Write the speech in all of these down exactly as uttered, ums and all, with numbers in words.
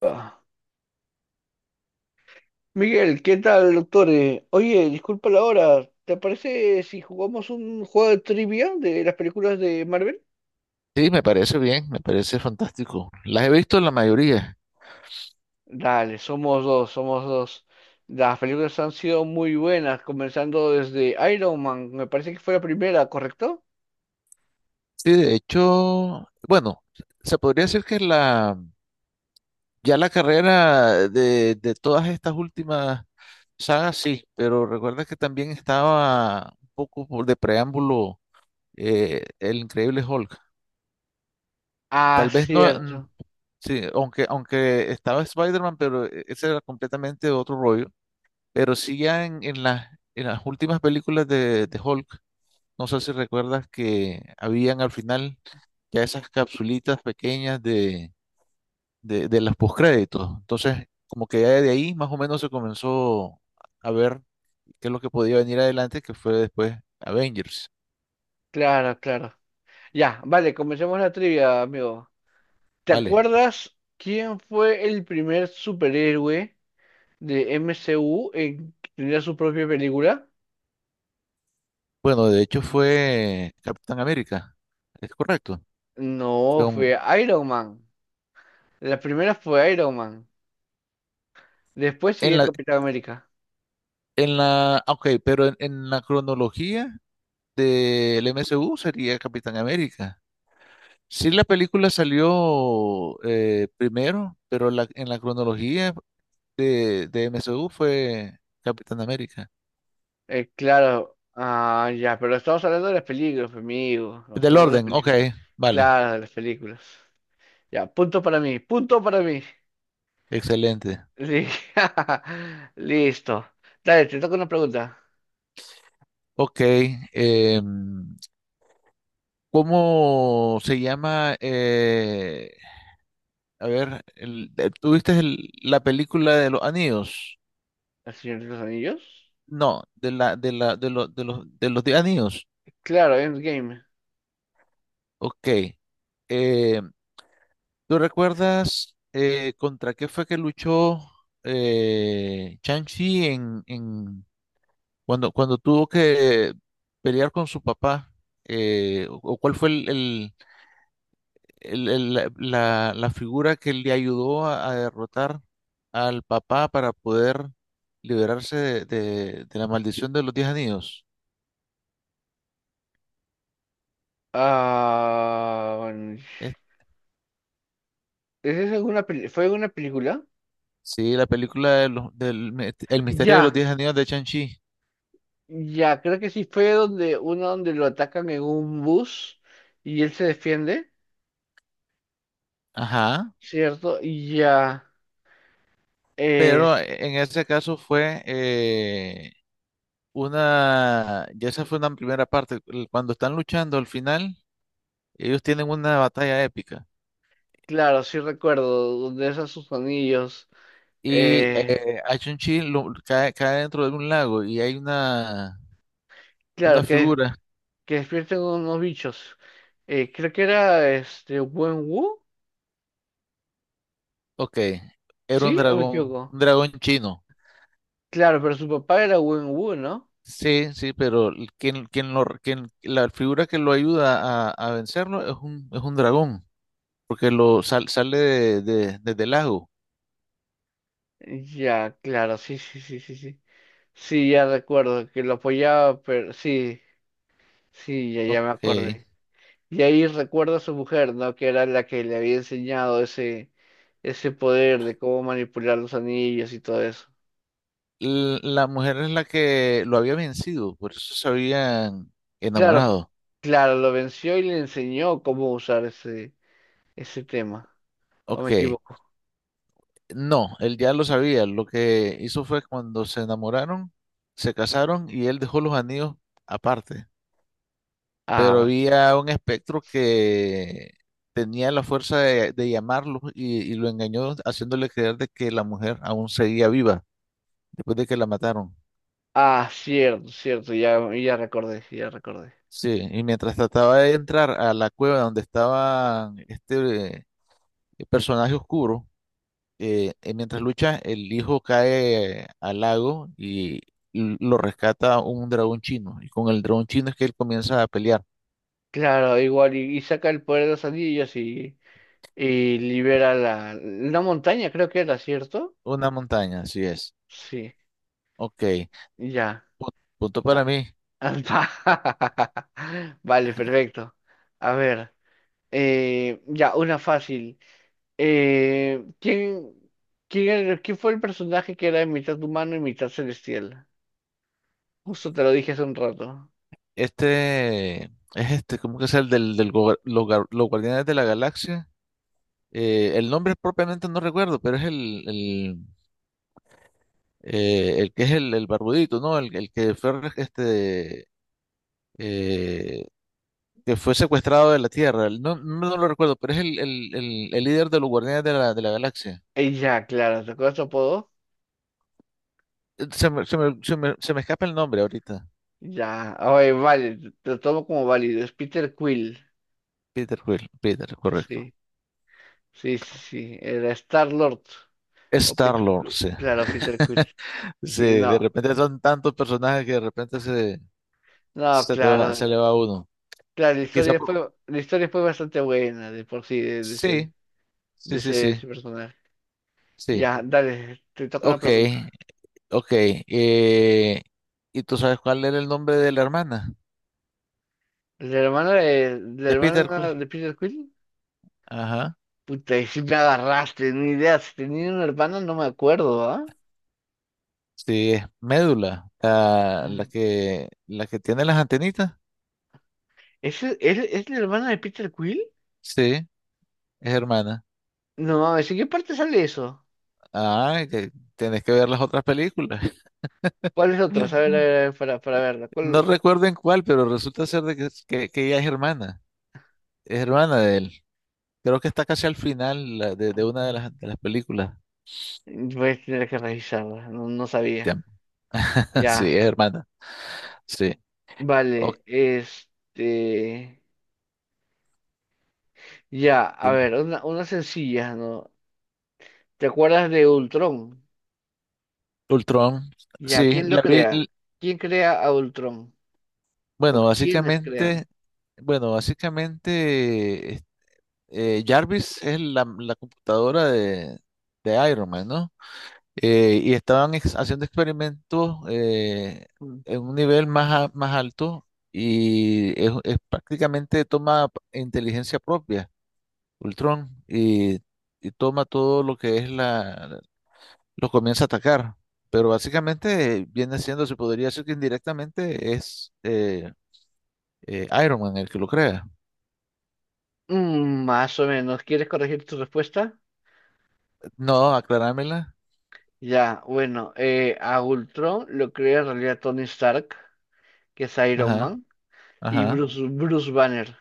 Ah, Miguel, ¿qué tal, doctor? Eh, Oye, disculpa la hora. ¿Te parece si jugamos un juego de trivia de las películas de Marvel? Sí, me parece bien, me parece fantástico. Las he visto la mayoría. Dale, somos dos, somos dos. Las películas han sido muy buenas, comenzando desde Iron Man. Me parece que fue la primera, ¿correcto? Sí, de hecho, bueno, se podría decir que la, ya la carrera de, de todas estas últimas sagas, sí, pero recuerda que también estaba un poco por de preámbulo eh, el Increíble Hulk. Ah, Tal vez no, cierto. mm, sí, aunque, aunque estaba Spider-Man, pero eh, ese era completamente otro rollo. Pero sí ya en, en las, en las últimas películas de, de Hulk. No sé si recuerdas que habían al final ya esas capsulitas pequeñas de, de, de los postcréditos. Entonces, como que ya de ahí más o menos se comenzó a ver qué es lo que podía venir adelante, que fue después Avengers. Claro, claro. Ya, vale, comencemos la trivia, amigo. ¿Te Vale. acuerdas quién fue el primer superhéroe de M C U en tener su propia película? Bueno, de hecho fue Capitán América. Es correcto. Fue No, un- fue Iron Man. La primera fue Iron Man. Después en sigue la, Capitán América. en la, ah, ok, pero en, en la cronología del M C U sería Capitán América. Sí, la película salió eh, primero, pero la- en la cronología de, de M C U fue Capitán América. Eh, claro. Ah, ya, pero estamos hablando de las películas, pues, amigo. Estamos Del hablando de las orden, ok, películas. vale, Claro, de las películas. Ya, punto para mí, punto para mí. excelente. Li- Listo. Dale, te toca una pregunta. Ok, em, ¿cómo se llama? eh, a ver, el- eh, ¿tuviste el- la película de los anillos? ¿El Señor de los Anillos? No, de la, de la, de los, de los, de los de anillos. Claro, Endgame. Ok. Em, ¿tú recuerdas eh, contra qué fue que luchó eh, Shang-Chi en, en- cuando, cuando tuvo que pelear con su papá? Eh, o, o cuál fue el, el- el- el- la, la- la figura que le ayudó a, a derrotar al papá para poder liberarse de, de- de la maldición de los Diez Anillos? Ah, bueno, Es- ¿es esa alguna peli- ¿Fue una película? sí, la película de los- del, mi- El misterio de los Ya. Diez Anillos de Shang-Chi. Ya, creo que sí fue donde uno donde lo atacan en un bus y él se defiende, Ajá. ¿cierto? Y ya, Pero es en ese caso fue eh, una, ya esa fue una primera parte. el- Cuando están luchando al final, ellos tienen una batalla épica. claro, sí recuerdo, donde es sus anillos, Y eh, eh, a Chun-Chi lo- cae, cae dentro de un lago y hay una, una claro, que, figura. que despierten unos bichos. Eh, creo que era este Wenwu, Ok, era un ¿sí? ¿O me dragón, equivoco? un dragón chino. Claro, pero su papá era Wenwu, ¿no? Sí, sí, pero el- quien, quien lo, quien, la figura que lo ayuda a, a vencerlo es un, es un dragón, porque lo sal- sale de, de- desde el lago. Ya, claro, sí, sí, sí, sí, sí. Sí, ya recuerdo que lo apoyaba, pero sí, sí, ya, ya me Ok. acordé. Y ahí recuerda a su mujer, ¿no? Que era la que le había enseñado ese, ese poder de cómo manipular los anillos y todo eso. L- la mujer es la que lo había vencido, por eso se habían Claro, p- enamorado. claro, lo venció y le enseñó cómo usar ese, ese tema. ¿O me Ok, equivoco? no, él ya lo sabía, lo que hizo fue cuando se enamoraron, se casaron y él dejó los anillos aparte, Ah, pero vale. había un espectro que tenía la fuerza de, de llamarlo y, y lo engañó haciéndole creer de que la mujer aún seguía viva después de que la mataron. Ah, cierto, cierto, ya, ya recordé, ya recordé. Sí, y mientras trataba de entrar a la cueva donde estaba este eh, personaje oscuro, eh, eh, mientras lucha, el hijo cae al lago y l- lo rescata un dragón chino. Y con el dragón chino es que él comienza a pelear. Claro, igual, y, y saca el poder de los anillos y, y libera la, la montaña, creo que era, ¿cierto? Una montaña, así es. Sí, Ok. ya. Pu- Punto para mí. Ah, vale, perfecto. A ver, eh, ya, una fácil. Eh, ¿quién, quién, era- ¿quién fue el personaje que era mitad humano y mitad celestial? Justo te lo dije hace un rato. Este es este, ¿cómo que es el del, del gober- los, gar- los Guardianes de la Galaxia? Eh, el nombre propiamente no recuerdo, pero es el, el, eh, el que es el, el barbudito, ¿no? El, el que fue este, eh, que fue secuestrado de la Tierra. No, no, no lo recuerdo, pero es el, el, el, el líder de los Guardianes de la, de la Galaxia. Eh, ya, claro, ¿te acuerdas su apodo? Eh, Se me, se me, se me, se me escapa el nombre ahorita. Ya, oye, vale, te te lo tomo como válido. Es Peter Quill. Peter Quill, Peter, correcto. Sí, sí, sí, sí. Era Star-Lord. O Peter Star-Lord, Quill. sí. Claro, Peter Quill. Sí, Sí, de no. repente son tantos personajes que de repente se, No, se te va, se claro. le va uno. Claro, la Quizá historia por- fue, la historia fue bastante buena de por sí, de, de ese, Sí, de sí, ese, sí, de sí, ese personaje. sí. Ya, dale, te toca una Ok, pregunta. ok. Eh, ¿y tú sabes cuál era el nombre de la hermana? ¿La hermana de, ¿la De Peter hermana Quill. de Peter Quill? Ajá. Puta, y si me agarraste, ni idea. Si tenía una hermana, no me acuerdo, ¿ah? Sí, es médula, la, la Mm. que, la que tiene las antenitas. ¿Es, es, es la hermana de Peter Quill? Sí, es hermana. No mames, ¿en qué parte sale eso? Ah, que tenés que ver las otras películas. ¿Cuál es otra? A ver, a ver, a ver, para, para verla. No ¿Cuál? recuerdo en cuál, pero resulta ser de que, es- que, que ella es hermana. Es hermana de él. Creo que está casi al final la- de, de una de las, de las películas. Voy a tener que revisarla, no, no sabía. Tiam. Sí, Ya, es hermana. Sí. Ok, vale, este. Ya, a dime. ver, una, una sencilla, ¿no? ¿Te acuerdas de Ultron? Ultron. Ya, Sí, ¿quién lo la vi. crea? l- ¿Quién crea a Ultron? ¿O Bueno, quiénes básicamente, crean? bueno, básicamente, eh, Jarvis es la, la computadora de, de Iron Man, ¿no? Eh, y estaban ex- haciendo experimentos eh, Mm, en un nivel más, a- más alto y es, es prácticamente toma inteligencia propia, Ultron, y, y toma todo lo que es la, lo comienza a atacar. Pero básicamente viene siendo, se podría decir que indirectamente es eh, eh, Iron Man el que lo crea. mm, más o menos. ¿Quieres corregir tu respuesta? No, aclarámela. Ya, bueno, eh, a Ultron lo crea en realidad Tony Stark, que es Iron Ajá, Man, y ajá. Bruce, Bruce Banner.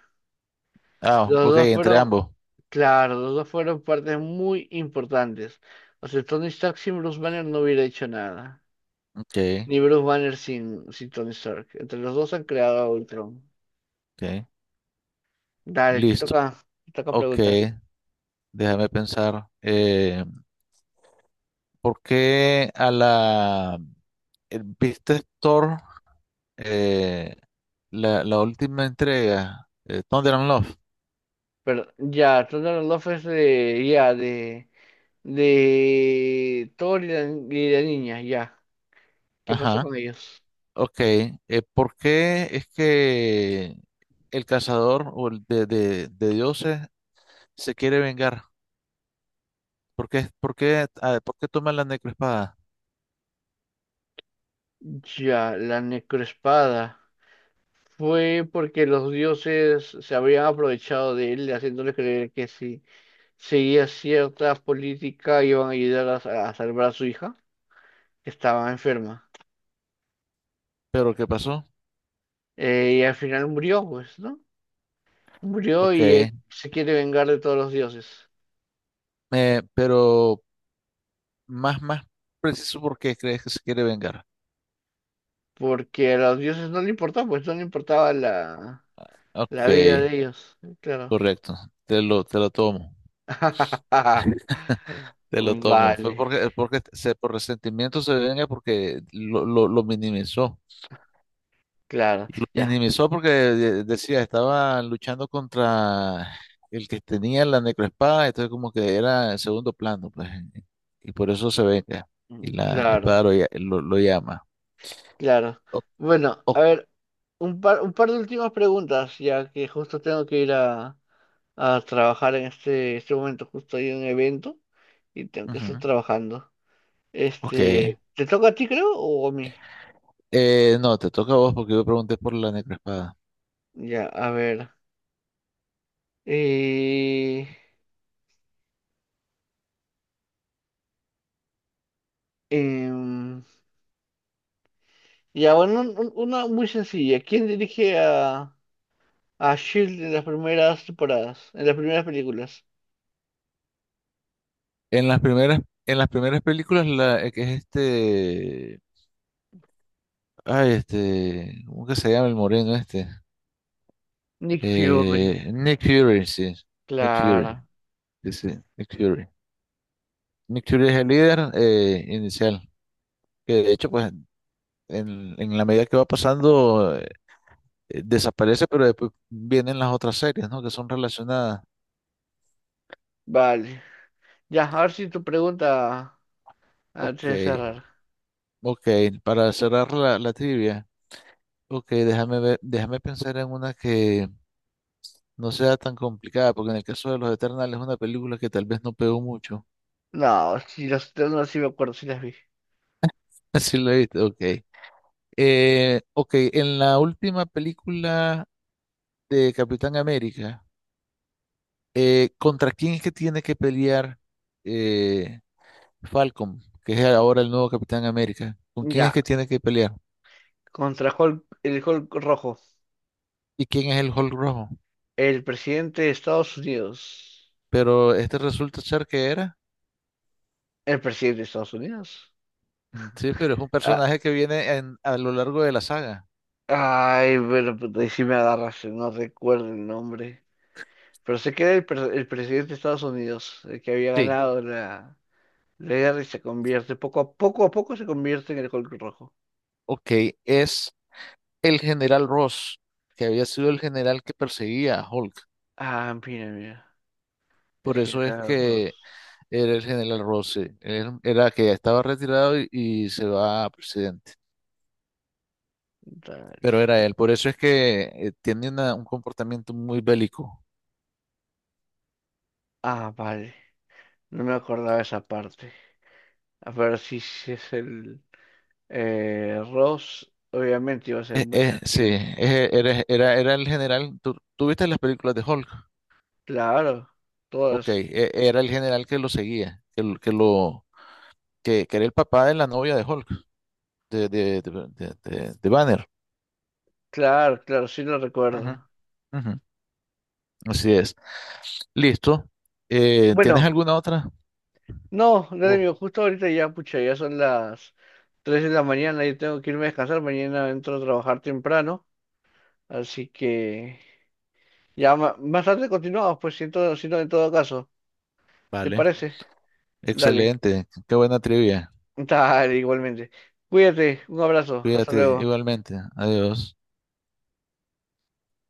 Ah, Los ok, dos entre fueron, ambos. claro, los dos fueron partes muy importantes. O sea, Tony Stark sin Bruce Banner no hubiera hecho nada. Ok, Ni Bruce Banner sin, sin Tony Stark. Entre los dos han creado a Ultron. ok. Dale, te Listo. toca, te toca Ok, pregunta. déjame pensar. Eh, ¿por qué a la... eh, ¿viste Thor? Eh, la, la última entrega, eh, Thunder and Love. Pero ya, Thunder Love es de, ya, de, de Thor y la, y la niña, ya. ¿Qué pasó Ajá. con ellos? Ok. Eh, ¿por qué es que el cazador o el de, de, de dioses se quiere vengar? ¿Por qué, por qué, ah, ¿por qué toma la necroespada? Ya, la necroespada. Fue porque los dioses se habían aprovechado de él, haciéndole creer que si seguía cierta política iban a ayudar a, a salvar a su hija, que estaba enferma. ¿Pero qué pasó? Eh, y al final murió, pues, ¿no? Murió Ok. y él se quiere vengar de todos los dioses, Eh, pero... más, más preciso porque crees que se quiere vengar. porque a los dioses no le importaba, pues no le importaba la, Ok, la vida de ellos, claro. correcto. Te lo, te lo tomo. Te lo tomo. Fue Vale, porque, porque se, por resentimiento se venga porque lo, lo, lo minimizó. claro, ya, Minimizó porque de- decía, estaba luchando contra el que tenía la necroespada, entonces como que era en segundo plano, pues. Y por eso se venga. mm, Y la, la claro, espada lo, lla- lo, lo llama. claro. O- Bueno, a o- ver, un par, un par de últimas preguntas, ya que justo tengo que ir a, a trabajar en este, este momento, justo hay un evento y tengo que estar Ujú. trabajando. Ok. Este, ¿te toca a ti, creo, o a mí? Eh, no, te toca a vos porque yo pregunté por la necroespada. Ya, a ver. Eh, Em, ya, bueno, un- un- una muy sencilla. ¿Quién dirige a, a Shield en las primeras temporadas, en las primeras películas? En las primeras, en las primeras películas, la, eh, que es este, ay, este, ¿cómo que se llama el moreno este? Nick Fury, Eh, Nick Fury, sí, Nick Fury, claro. sí, sí, Nick Fury. Nick Fury es el líder eh, inicial, que de hecho, pues, en, en la medida que va pasando, eh, desaparece, pero después vienen las otras series, ¿no? Que son relacionadas. Vale. Ya, a ver si tu pregunta antes Ok, de cerrar. ok, para cerrar la, la trivia, ok, déjame ver, déjame pensar en una que... no sea tan complicada, porque en el caso de Los Eternals es una película que tal vez no pegó mucho. No, si las no, sí me acuerdo, sí las vi. Así lo viste, ok. Eh, ok, en la última película de Capitán América, eh, ¿contra quién es que tiene que pelear eh, Falcon, que es ahora el nuevo Capitán América? ¿Con quién es Ya, que tiene que pelear? contra Hulk, el Hulk rojo. ¿Y quién es el Hulk rojo? El presidente de Estados Unidos. Pero este resulta ser que era. El presidente de Estados Unidos. Mm, sí, pero es un Ah, personaje que viene en- a lo largo de la saga. ay, bueno, puta, ahí sí me agarras, no recuerdo el nombre. Pero se queda el, pre- el presidente de Estados Unidos, el que había Sí, ganado la, la guerra y se convierte, poco a poco a poco se convierte en el Hulk rojo. ok, es... el general Ross, que había sido el general que perseguía a Hulk. Ah, mira, mira. Es Por que eso es era Ross. que era el general Ross, sí. Él era que ya estaba retirado y, y se va a presidente. Dale. Pero era él, por eso es que eh, tiene una- un comportamiento muy bélico. Ah, vale. No me acordaba esa parte. A ver si, si es el eh, Ross, obviamente iba a ser Eh, muy eh, sí, sangriento. eh, era, era, era el general. ¿Tú, tú viste las películas de Hulk? Claro, Ok, todas. eh, era el general que lo seguía, que, lo, que, lo- que- que era el papá de la novia de Hulk, de, de, de, de- de- de Banner. Claro, claro, sí lo Ujú, recuerdo. ujú. Así es. Listo. Eh, ¿tienes Bueno. alguna otra? No, no, Oh, amigo, justo ahorita ya, pucha, ya son las tres de la mañana y tengo que irme a descansar. Mañana entro a trabajar temprano, así que ya ma- más tarde continuamos, pues siento, si no en todo caso. ¿Te vale. parece? Dale, Excelente. Qué buena trivia. dale, igualmente. Cuídate, un abrazo, hasta Cuídate luego. igualmente. Adiós.